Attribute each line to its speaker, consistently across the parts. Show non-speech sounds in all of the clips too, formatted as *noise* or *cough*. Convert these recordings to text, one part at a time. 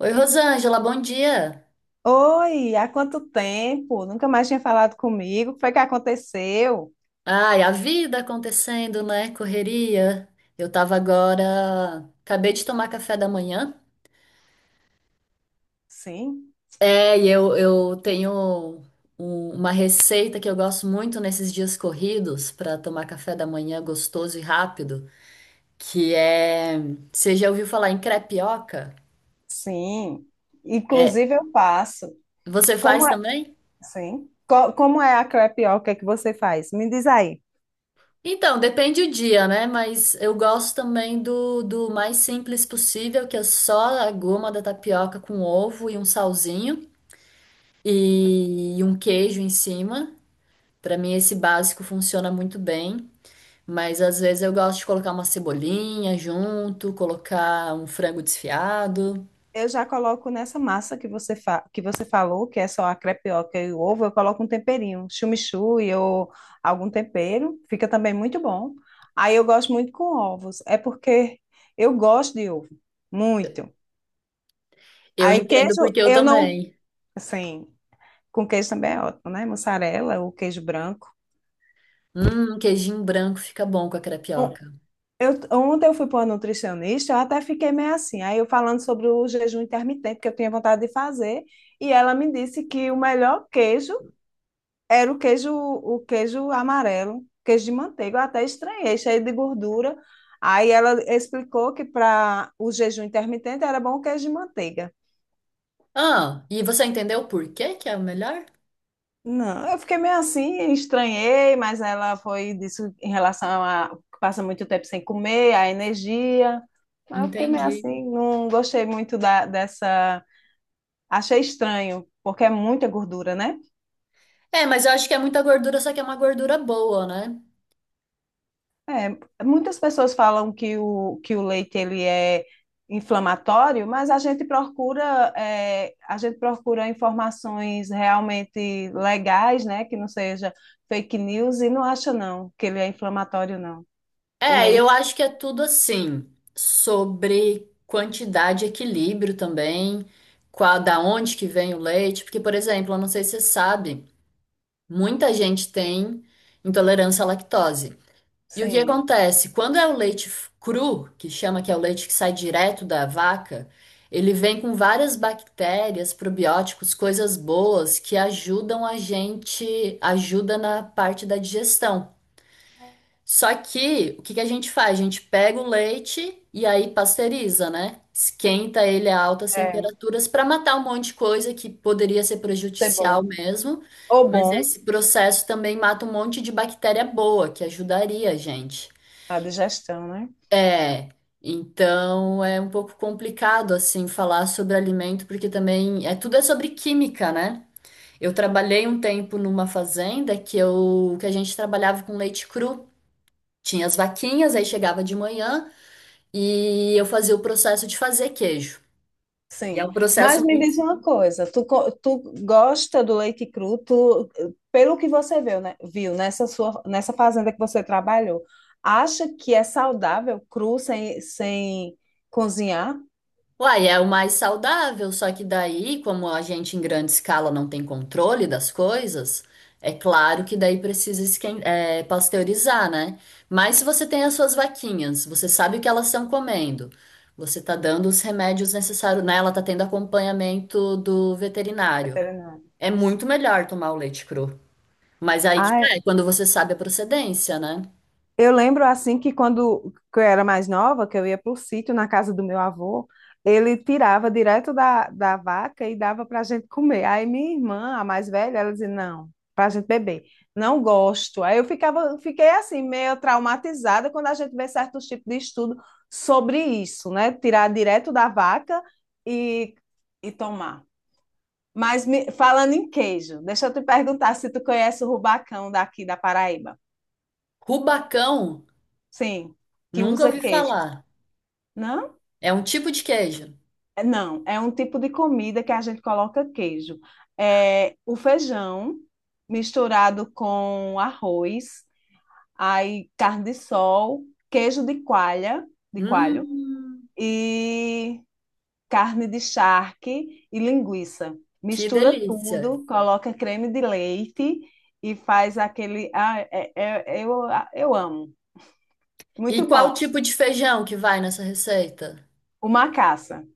Speaker 1: Oi, Rosângela, bom dia.
Speaker 2: Oi, há quanto tempo? Nunca mais tinha falado comigo. O que foi que aconteceu?
Speaker 1: Ai, a vida acontecendo, né? Correria. Eu tava agora. Acabei de tomar café da manhã.
Speaker 2: Sim,
Speaker 1: E eu tenho uma receita que eu gosto muito nesses dias corridos para tomar café da manhã gostoso e rápido, que é. Você já ouviu falar em crepioca?
Speaker 2: sim. Inclusive eu faço.
Speaker 1: Você faz
Speaker 2: Como é,
Speaker 1: também?
Speaker 2: sim. Como é a crepioca que você faz? Me diz aí.
Speaker 1: Então, depende o dia, né? Mas eu gosto também do mais simples possível, que é só a goma da tapioca com ovo e um salzinho e um queijo em cima. Pra mim, esse básico funciona muito bem. Mas às vezes eu gosto de colocar uma cebolinha junto, colocar um frango desfiado.
Speaker 2: Eu já coloco nessa massa que que você falou, que é só a crepioca e o ovo, eu coloco um temperinho, chimichurri ou algum tempero, fica também muito bom. Aí eu gosto muito com ovos, é porque eu gosto de ovo, muito.
Speaker 1: Eu
Speaker 2: Aí
Speaker 1: entendo
Speaker 2: queijo,
Speaker 1: porque eu
Speaker 2: eu não,
Speaker 1: também.
Speaker 2: sim. Com queijo também é ótimo, né? Mussarela ou queijo branco.
Speaker 1: Um queijinho branco fica bom com a
Speaker 2: On-
Speaker 1: crepioca.
Speaker 2: Eu, ontem eu fui para uma nutricionista, eu até fiquei meio assim. Aí eu falando sobre o jejum intermitente que eu tinha vontade de fazer, e ela me disse que o melhor queijo era o queijo amarelo, queijo de manteiga. Eu até estranhei, cheio de gordura. Aí ela explicou que para o jejum intermitente era bom o queijo de manteiga.
Speaker 1: Ah, e você entendeu por que que é o melhor?
Speaker 2: Não, eu fiquei meio assim, estranhei, mas ela foi disso em relação a que passa muito tempo sem comer, a energia. Mas eu fiquei meio
Speaker 1: Entendi.
Speaker 2: assim, não gostei muito dessa. Achei estranho, porque é muita gordura, né?
Speaker 1: É, mas eu acho que é muita gordura, só que é uma gordura boa, né?
Speaker 2: Muitas pessoas falam que o leite ele é inflamatório, mas a gente procura é, a gente procura informações realmente legais, né? Que não seja fake news e não acha não que ele é inflamatório, não. O
Speaker 1: É, eu
Speaker 2: leite.
Speaker 1: acho que é tudo assim, sobre quantidade e equilíbrio também, qual, da onde que vem o leite, porque, por exemplo, eu não sei se você sabe, muita gente tem intolerância à lactose. E o que
Speaker 2: Sim.
Speaker 1: acontece? Quando é o leite cru, que chama que é o leite que sai direto da vaca, ele vem com várias bactérias, probióticos, coisas boas que ajudam a gente, ajuda na parte da digestão. Só que o que que a gente faz? A gente pega o leite e aí pasteuriza, né? Esquenta ele a altas
Speaker 2: É,
Speaker 1: temperaturas para matar um monte de coisa que poderia ser
Speaker 2: ser bom,
Speaker 1: prejudicial mesmo,
Speaker 2: ou
Speaker 1: mas
Speaker 2: bom,
Speaker 1: esse processo também mata um monte de bactéria boa que ajudaria a gente.
Speaker 2: a digestão, né?
Speaker 1: É, então é um pouco complicado assim falar sobre alimento porque também tudo é sobre química, né? Eu trabalhei um tempo numa fazenda que a gente trabalhava com leite cru. Tinha as vaquinhas, aí chegava de manhã e eu fazia o processo de fazer queijo. E é
Speaker 2: Sim,
Speaker 1: um
Speaker 2: mas
Speaker 1: processo
Speaker 2: me
Speaker 1: muito.
Speaker 2: diz uma coisa, tu gosta do leite cru, tu, pelo que você viu, né, viu nessa nessa fazenda que você trabalhou, acha que é saudável cru sem, sem cozinhar?
Speaker 1: Uai, é o mais saudável, só que daí, como a gente em grande escala não tem controle das coisas, é claro que daí é, pasteurizar, né? Mas se você tem as suas vaquinhas, você sabe o que elas estão comendo, você tá dando os remédios necessários, né? Ela tá tendo acompanhamento do veterinário.
Speaker 2: Veterinário.
Speaker 1: É muito melhor tomar o leite cru. Mas aí que tá,
Speaker 2: Ah,
Speaker 1: é quando você sabe a procedência, né?
Speaker 2: eu lembro assim que quando que eu era mais nova, que eu ia para o sítio na casa do meu avô, ele tirava direto da vaca e dava para a gente comer. Aí minha irmã, a mais velha, ela dizia, não, para a gente beber. Não gosto. Aí fiquei assim, meio traumatizada quando a gente vê certos tipos de estudo sobre isso, né? Tirar direto da vaca e, e tomar. Mas falando em queijo, deixa eu te perguntar se tu conhece o rubacão daqui da Paraíba.
Speaker 1: Rubacão,
Speaker 2: Sim, que
Speaker 1: nunca
Speaker 2: usa
Speaker 1: ouvi
Speaker 2: queijo.
Speaker 1: falar.
Speaker 2: Não?
Speaker 1: É um tipo de queijo.
Speaker 2: Não, é um tipo de comida que a gente coloca queijo. É o feijão misturado com arroz, aí carne de sol, queijo de coalha, de coalho
Speaker 1: Hum,
Speaker 2: e carne de charque e linguiça.
Speaker 1: que
Speaker 2: Mistura
Speaker 1: delícia.
Speaker 2: tudo, coloca creme de leite e faz aquele. Eu amo.
Speaker 1: E
Speaker 2: Muito
Speaker 1: qual
Speaker 2: bom.
Speaker 1: tipo de feijão que vai nessa receita?
Speaker 2: O macaça,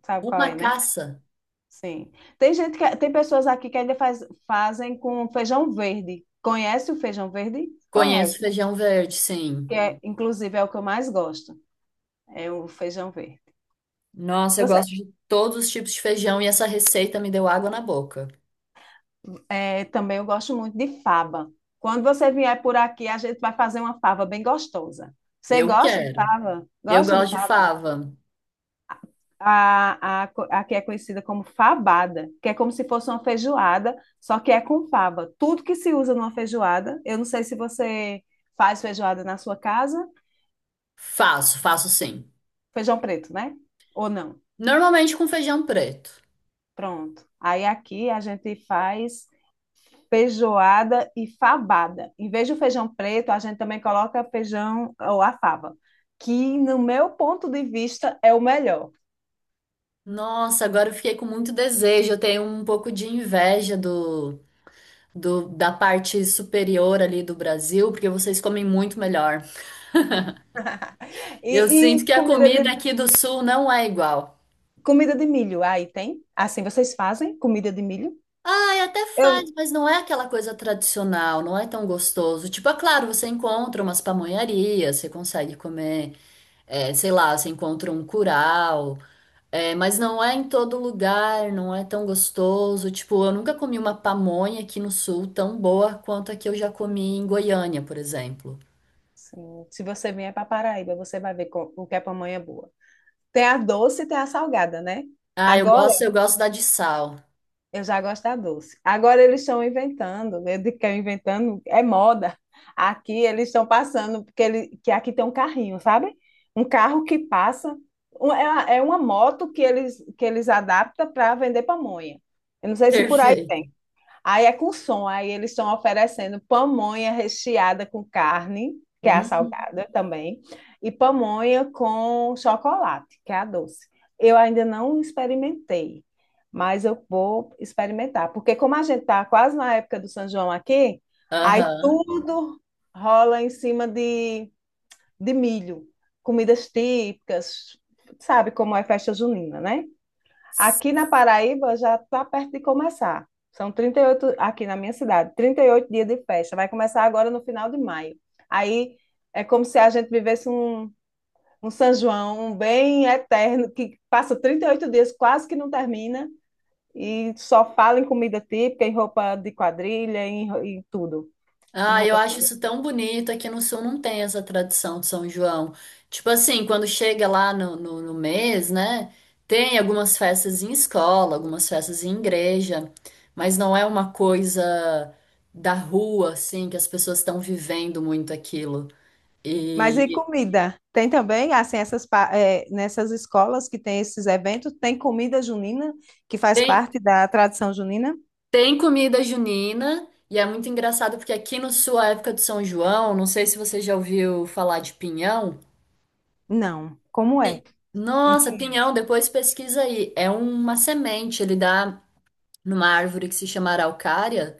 Speaker 2: sabe qual é,
Speaker 1: Uma
Speaker 2: né?
Speaker 1: caça.
Speaker 2: Sim. Tem gente que, tem pessoas aqui que fazem com feijão verde. Conhece o feijão verde? Conhece,
Speaker 1: Conheço feijão verde, sim.
Speaker 2: que é, inclusive é o que eu mais gosto, é o feijão verde.
Speaker 1: Nossa, eu
Speaker 2: Você,
Speaker 1: gosto de todos os tipos de feijão e essa receita me deu água na boca.
Speaker 2: é, também eu gosto muito de fava. Quando você vier por aqui, a gente vai fazer uma fava bem gostosa. Você
Speaker 1: Eu
Speaker 2: gosta de
Speaker 1: quero.
Speaker 2: fava?
Speaker 1: Eu
Speaker 2: Gosta de
Speaker 1: gosto de
Speaker 2: fava?
Speaker 1: fava.
Speaker 2: A que é conhecida como fabada, que é como se fosse uma feijoada, só que é com fava. Tudo que se usa numa feijoada, eu não sei se você faz feijoada na sua casa.
Speaker 1: Faço, faço sim.
Speaker 2: Feijão preto, né? Ou não?
Speaker 1: Normalmente com feijão preto.
Speaker 2: Pronto. Aí aqui a gente faz feijoada e fabada. Em vez do feijão preto, a gente também coloca feijão ou a fava, que no meu ponto de vista é o melhor.
Speaker 1: Nossa, agora eu fiquei com muito desejo. Eu tenho um pouco de inveja do da parte superior ali do Brasil, porque vocês comem muito melhor.
Speaker 2: *laughs*
Speaker 1: Eu
Speaker 2: E,
Speaker 1: sinto
Speaker 2: e
Speaker 1: que a
Speaker 2: comida de,
Speaker 1: comida aqui do sul não é igual.
Speaker 2: comida de milho, aí tem? Assim, vocês fazem comida de milho?
Speaker 1: Ah, é até
Speaker 2: Eu,
Speaker 1: faz, mas não é aquela coisa tradicional, não é tão gostoso. Tipo, é claro, você encontra umas pamonharias, você consegue comer, é, sei lá, você encontra um curau, é, mas não é em todo lugar, não é tão gostoso. Tipo, eu nunca comi uma pamonha aqui no sul tão boa quanto a que eu já comi em Goiânia, por exemplo.
Speaker 2: sim, se você vier para Paraíba, você vai ver o que é pamonha boa. Tem a doce e tem a salgada, né?
Speaker 1: Ah, eu
Speaker 2: Agora,
Speaker 1: gosto, eu gosto da de sal.
Speaker 2: eu já gosto da doce. Agora eles estão inventando, eu digo que é inventando, é moda. Aqui eles estão passando, porque ele, que aqui tem um carrinho, sabe? Um carro que passa, é uma moto que que eles adaptam para vender pamonha. Eu não sei se por aí
Speaker 1: Perfeito.
Speaker 2: tem. Aí é com som, aí eles estão oferecendo pamonha recheada com carne, que é a
Speaker 1: Uhum.
Speaker 2: salgada também, e pamonha com chocolate, que é a doce. Eu ainda não experimentei, mas eu vou experimentar, porque como a gente está quase na época do São João aqui, aí
Speaker 1: Aham.
Speaker 2: tudo rola em cima de milho, comidas típicas, sabe como é festa junina, né? Aqui na Paraíba já está perto de começar. São 38 aqui na minha cidade, 38 dias de festa. Vai começar agora no final de maio. Aí é como se a gente vivesse um São João um bem eterno, que passa 38 dias, quase que não termina, e só fala em comida típica, em roupa de quadrilha, em tudo. Em
Speaker 1: Ah, eu
Speaker 2: roupa
Speaker 1: acho
Speaker 2: típica.
Speaker 1: isso tão bonito. Aqui no Sul não tem essa tradição de São João. Tipo assim, quando chega lá no mês, né? Tem algumas festas em escola, algumas festas em igreja, mas não é uma coisa da rua, assim, que as pessoas estão vivendo muito aquilo.
Speaker 2: Mas e
Speaker 1: E
Speaker 2: comida? Tem também, assim, nessas escolas que tem esses eventos, tem comida junina, que faz
Speaker 1: tem,
Speaker 2: parte da tradição junina?
Speaker 1: tem comida junina, e é muito engraçado porque aqui no Sul, a época do São João, não sei se você já ouviu falar de pinhão.
Speaker 2: Não. Como é? Um
Speaker 1: Nossa,
Speaker 2: pinhão.
Speaker 1: pinhão, depois pesquisa aí. É uma semente, ele dá numa árvore que se chama araucária,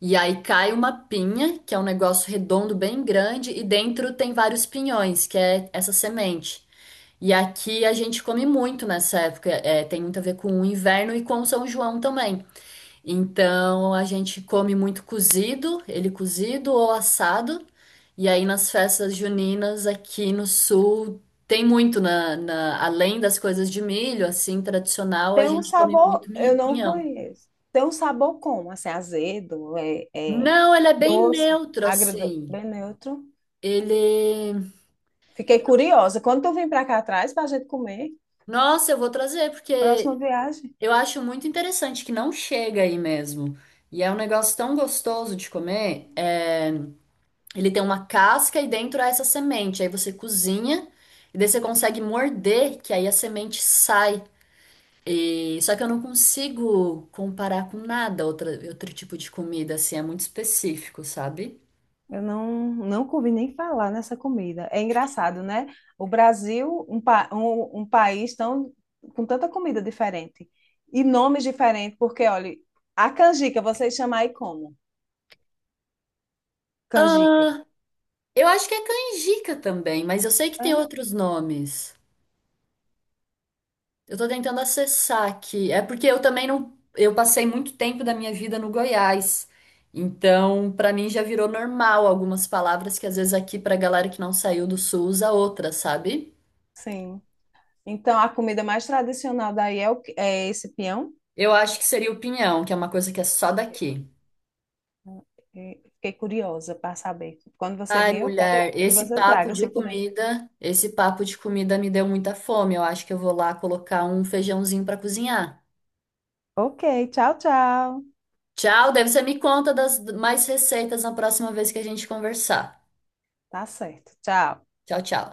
Speaker 1: e aí cai uma pinha, que é um negócio redondo bem grande, e dentro tem vários pinhões, que é essa semente. E aqui a gente come muito nessa época, é, tem muito a ver com o inverno e com o São João também. Então a gente come muito cozido, ele cozido ou assado. E aí nas festas juninas aqui no sul tem muito além das coisas de milho, assim, tradicional, a
Speaker 2: Tem um
Speaker 1: gente come
Speaker 2: sabor,
Speaker 1: muito
Speaker 2: eu não
Speaker 1: pinhão.
Speaker 2: conheço. Tem um sabor como? Assim, azedo, é, é
Speaker 1: Não, ele é bem
Speaker 2: doce,
Speaker 1: neutro
Speaker 2: agradoce,
Speaker 1: assim.
Speaker 2: bem neutro.
Speaker 1: Ele,
Speaker 2: Fiquei curiosa. Quando tu vim pra cá atrás pra gente comer,
Speaker 1: nossa, eu vou trazer porque
Speaker 2: próxima viagem.
Speaker 1: eu acho muito interessante que não chega aí mesmo. E é um negócio tão gostoso de comer. É, ele tem uma casca e dentro há essa semente. Aí você cozinha e daí você consegue morder, que aí a semente sai. Só que eu não consigo comparar com nada outro tipo de comida, assim, é muito específico, sabe?
Speaker 2: Eu não, não ouvi nem falar nessa comida. É engraçado, né? O Brasil, um país tão, com tanta comida diferente e nomes diferentes, porque, olha, a canjica, vocês chamam aí como? Canjica.
Speaker 1: Ah, eu acho que é canjica também, mas eu sei que tem
Speaker 2: Ah,
Speaker 1: outros nomes. Eu tô tentando acessar aqui. É porque eu também não. Eu passei muito tempo da minha vida no Goiás. Então, pra mim já virou normal algumas palavras que às vezes aqui pra galera que não saiu do sul usa outra, sabe?
Speaker 2: sim. Então, a comida mais tradicional daí é, o, que- é esse peão?
Speaker 1: Eu acho que seria o pinhão, que é uma coisa que é só daqui.
Speaker 2: E fiquei curiosa para saber. Quando você
Speaker 1: Ai,
Speaker 2: vier, eu quero
Speaker 1: mulher,
Speaker 2: que
Speaker 1: esse
Speaker 2: você
Speaker 1: papo
Speaker 2: traga, se
Speaker 1: de
Speaker 2: puder.
Speaker 1: comida, esse papo de comida me deu muita fome. Eu acho que eu vou lá colocar um feijãozinho pra cozinhar.
Speaker 2: Ok, tchau, tchau.
Speaker 1: Tchau, deve ser me conta das mais receitas na próxima vez que a gente conversar.
Speaker 2: Tá certo. Tchau.
Speaker 1: Tchau, tchau.